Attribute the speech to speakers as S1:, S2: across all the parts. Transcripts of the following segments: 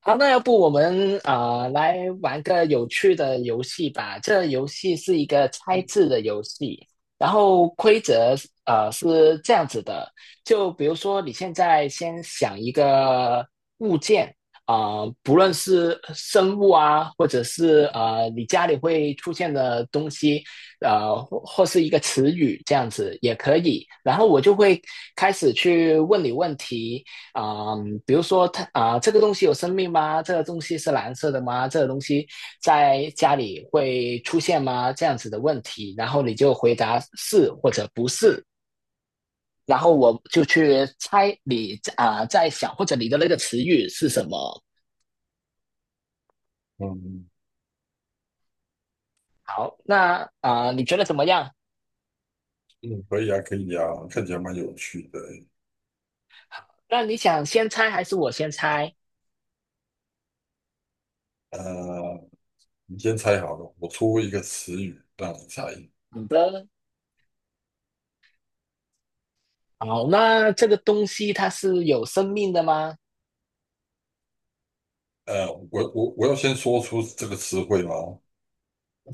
S1: 好，那要不我们来玩个有趣的游戏吧。这游戏是一个猜字的游戏，然后规则是这样子的，就比如说你现在先想一个物件啊、不论是生物啊，或者是你家里会出现的东西，呃或或是一个词语这样子也可以，然后我就会开始去问你问题。比如说它这个东西有生命吗？这个东西是蓝色的吗？这个东西在家里会出现吗？这样子的问题，然后你就回答是或者不是，然后我就去猜你在想或者你的那个词语是什么。
S2: 嗯，
S1: 好，那你觉得怎么样？
S2: 嗯，可以啊，可以啊，看起来蛮有趣的欸。
S1: 那你想先猜还是我先猜？
S2: 呃，你先猜好了，我出一个词语让你猜。
S1: 好的，好，那这个东西它是有生命的吗？
S2: 我要先说出这个词汇吗？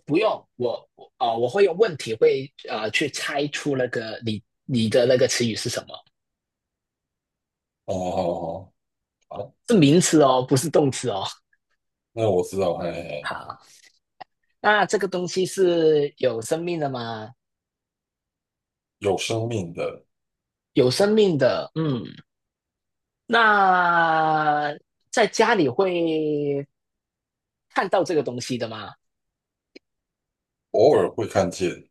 S1: 不用，我我会用问题去猜出那个你的那个词语是什么，
S2: 哦，好好好，
S1: 是名词哦，不是动词哦。
S2: 那我知道，嘿嘿。
S1: 好，那这个东西是有生命的吗？
S2: 有生命的。
S1: 有生命的，嗯，那在家里会看到这个东西的吗？
S2: 偶尔会看见。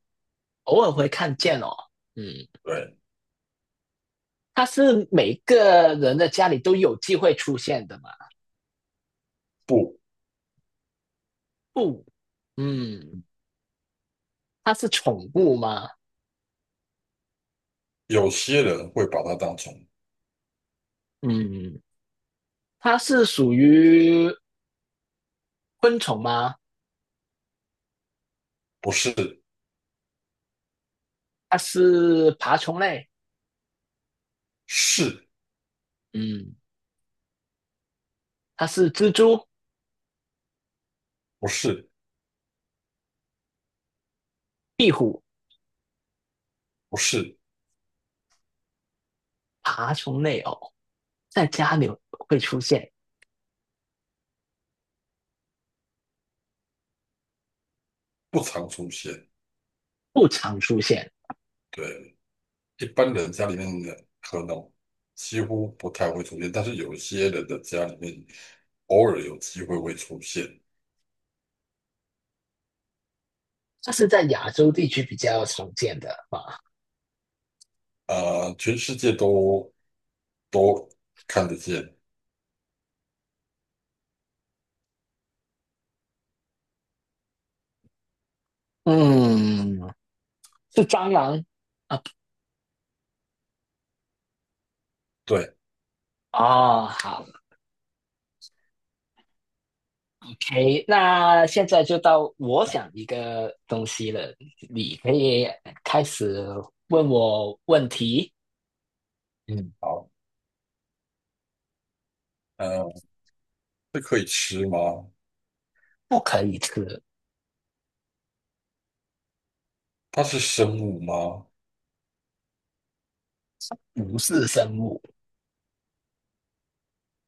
S1: 偶尔会看见哦，嗯，
S2: 对。
S1: 它是每个人的家里都有机会出现的吗？
S2: 不。
S1: 不，嗯，它是宠物吗？
S2: 有些人会把它当成。
S1: 嗯，它是属于昆虫吗？
S2: 不是。
S1: 它是爬虫类？
S2: 是。
S1: 嗯，它是蜘蛛、
S2: 不是。
S1: 壁虎、
S2: 不是。
S1: 爬虫类哦，在家里会出现，
S2: 不常出现。
S1: 不常出现。
S2: 对，一般人家里面的可能几乎不太会出现，但是有些人的家里面偶尔有机会会出现。
S1: 它是在亚洲地区比较常见的吧？
S2: 全世界都都看得见。
S1: 嗯，是蟑螂
S2: 对。
S1: 哦。好，OK，那现在就到我想一个东西了，你可以开始问我问题。
S2: 嗯，好，呃，这可以吃吗？
S1: 不可以吃，
S2: 它是生物吗？
S1: 不是生物，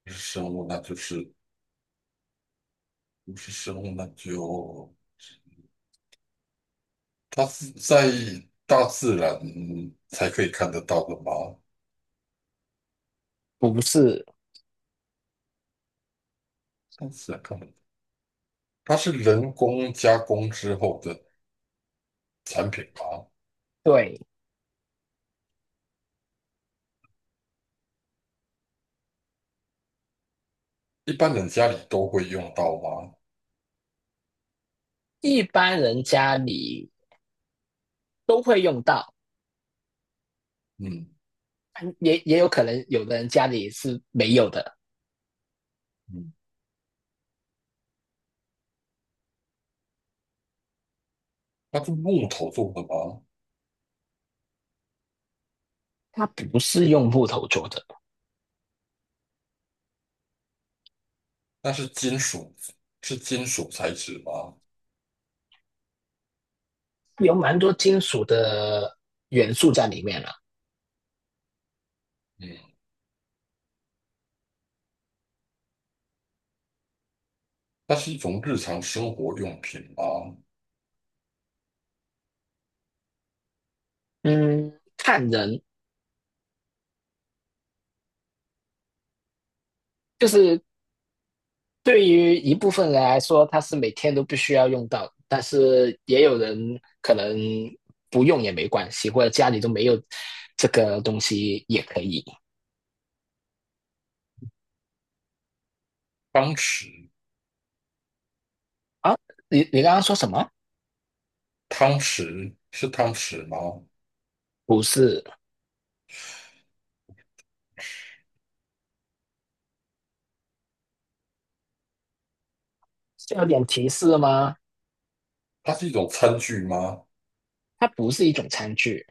S2: 不是生物，那就是不是生物，那就它是在大自然才可以看得到的吗？
S1: 不是，
S2: 大自然看不到，它是人工加工之后的产品吗？
S1: 对，
S2: 一般人家里都会用到吗？
S1: 一般人家里都会用到，嗯
S2: 嗯。
S1: 也也有可能有的人家里是没有的。
S2: 嗯，它是木头做的吗？
S1: 它不是用木头做的，
S2: 那是金属，是金属材质吗？
S1: 有蛮多金属的元素在里面了。
S2: 嗯，它是一种日常生活用品吗？
S1: 嗯，看人，就是对于一部分人来说，它是每天都必须要用到，但是也有人可能不用也没关系，或者家里都没有这个东西也可以
S2: 汤匙。
S1: 啊。你刚刚说什么？
S2: 汤匙是汤匙吗？
S1: 不是，是有点提示吗？
S2: 它是一种餐具吗？
S1: 它不是一种餐具，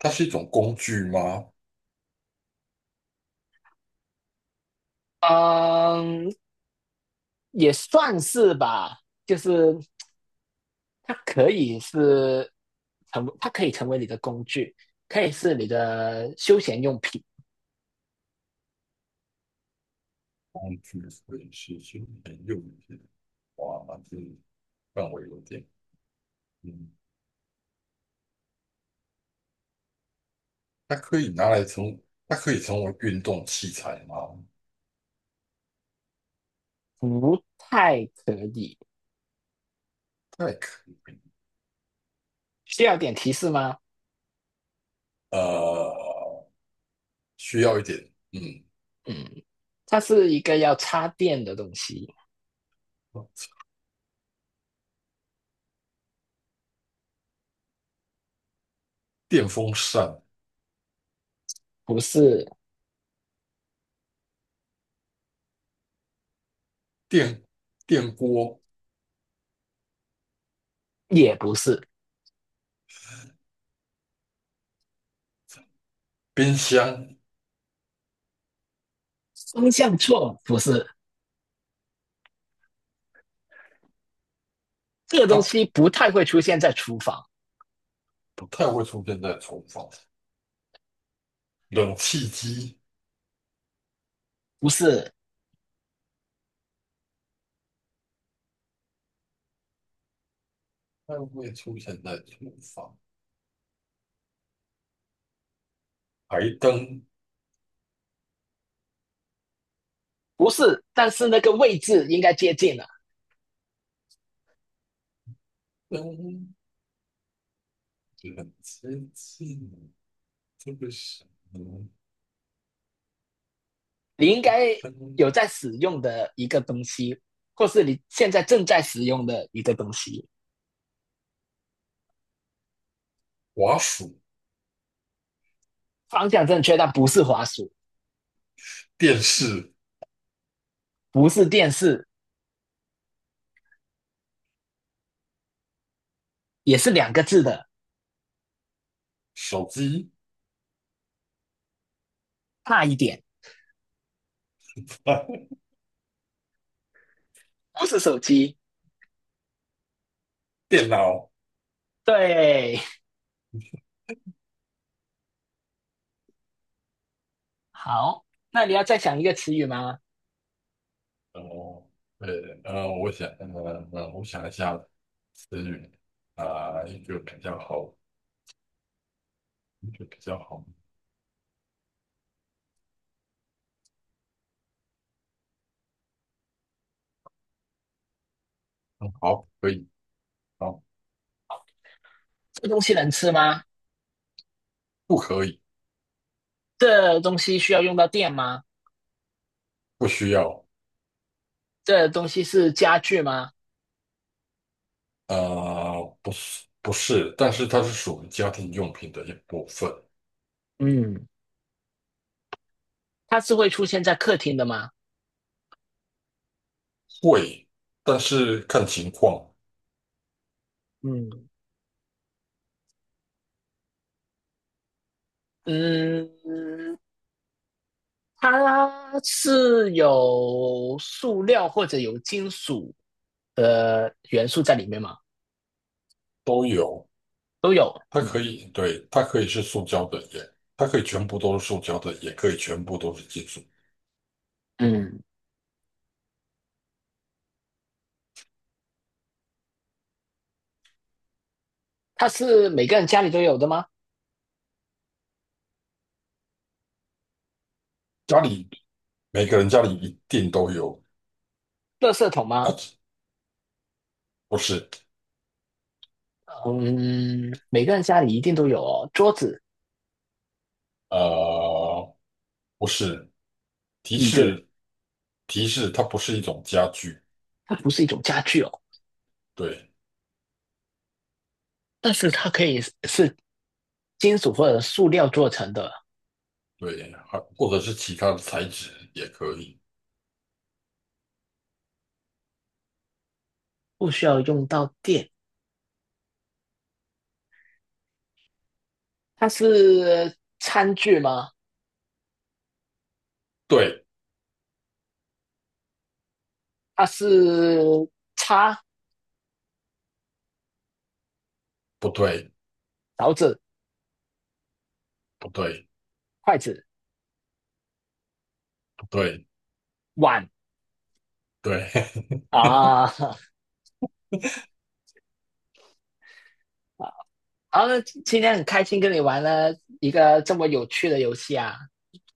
S2: 它是一种工具吗？
S1: 嗯，也算是吧，就是它可以是它可以成为你的工具，可以是你的休闲用品，
S2: 工具所以是休闲用品，哇，那这范围有点，嗯，它可以拿来成，它可以成为运动器材吗？
S1: 不太可以。
S2: 太可以。
S1: 需要点提示吗？
S2: 呃，需要一点。嗯。
S1: 嗯，它是一个要插电的东西，
S2: 电风扇、
S1: 不是，
S2: 电电锅、
S1: 也不是，
S2: 冰箱。
S1: 方向错了，不是。这个
S2: 它
S1: 东
S2: 不
S1: 西不太会出现在厨房，
S2: 不太会出现在厨房。冷气机。
S1: 不是，
S2: 不太会出现在厨房。台灯
S1: 不是，但是那个位置应该接近了。
S2: 灯冷接近。这个是嗯
S1: 你应该
S2: 灯。
S1: 有在使用的一个东西，或是你现在正在使用的一个东西。
S2: 滑鼠、
S1: 方向正确，但不是滑鼠，
S2: 电视、
S1: 不是电视，也是两个字的，
S2: 手机、
S1: 差一点，不是手机。
S2: 电脑。
S1: 对，好，那你要再想一个词语吗？
S2: 哦，对，我想，我想一下词语啊，一个比较好，一个比较好。嗯好，可以，好。
S1: 这东西能吃吗？
S2: 不可以。
S1: 这东西需要用到电吗？
S2: 不需要。
S1: 这东西是家具吗？
S2: 不是，不是，但是它是属于家庭用品的一部分。
S1: 嗯，它是会出现在客厅的吗？
S2: 会，但是看情况。
S1: 嗯嗯，它是有塑料或者有金属的元素在里面吗？
S2: 都有。
S1: 都有。
S2: 它可
S1: 嗯
S2: 以，对，它可以是塑胶的，它可以全部都是塑胶的，也可以全部都是金属。
S1: 嗯，它是每个人家里都有的吗？
S2: 家里每个人家里一定都有。
S1: 垃圾桶吗？
S2: 啊，不是。
S1: 嗯，每个人家里一定都有哦。桌子、
S2: 呃，不是。提
S1: 椅子，
S2: 示提示，它不是一种家具。
S1: 它不是一种家具哦，
S2: 对。
S1: 但是它可以是金属或者塑料做成的，
S2: 对，还或者是其他的材质也可以。
S1: 不需要用到电。它是餐具吗？
S2: 对。
S1: 它是叉、
S2: 不对。
S1: 勺子、
S2: 不对。
S1: 筷子、
S2: 不对。
S1: 碗
S2: 对。
S1: 啊 啊，今天很开心跟你玩了一个这么有趣的游戏啊！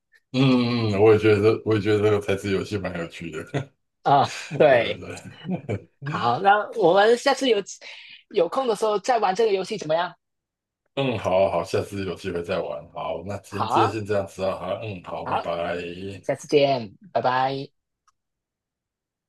S2: 嗯，嗯，我也觉得这个猜字游戏蛮有趣的。
S1: 啊，
S2: 对对
S1: 对，
S2: 对。
S1: 好，那我们下次有空的时候再玩这个游戏怎么样？
S2: 嗯，好好，下次有机会再玩，好，那今
S1: 好
S2: 今天
S1: 啊，
S2: 先这样子啊，好，嗯，好，拜
S1: 好，
S2: 拜。
S1: 下次见，拜拜。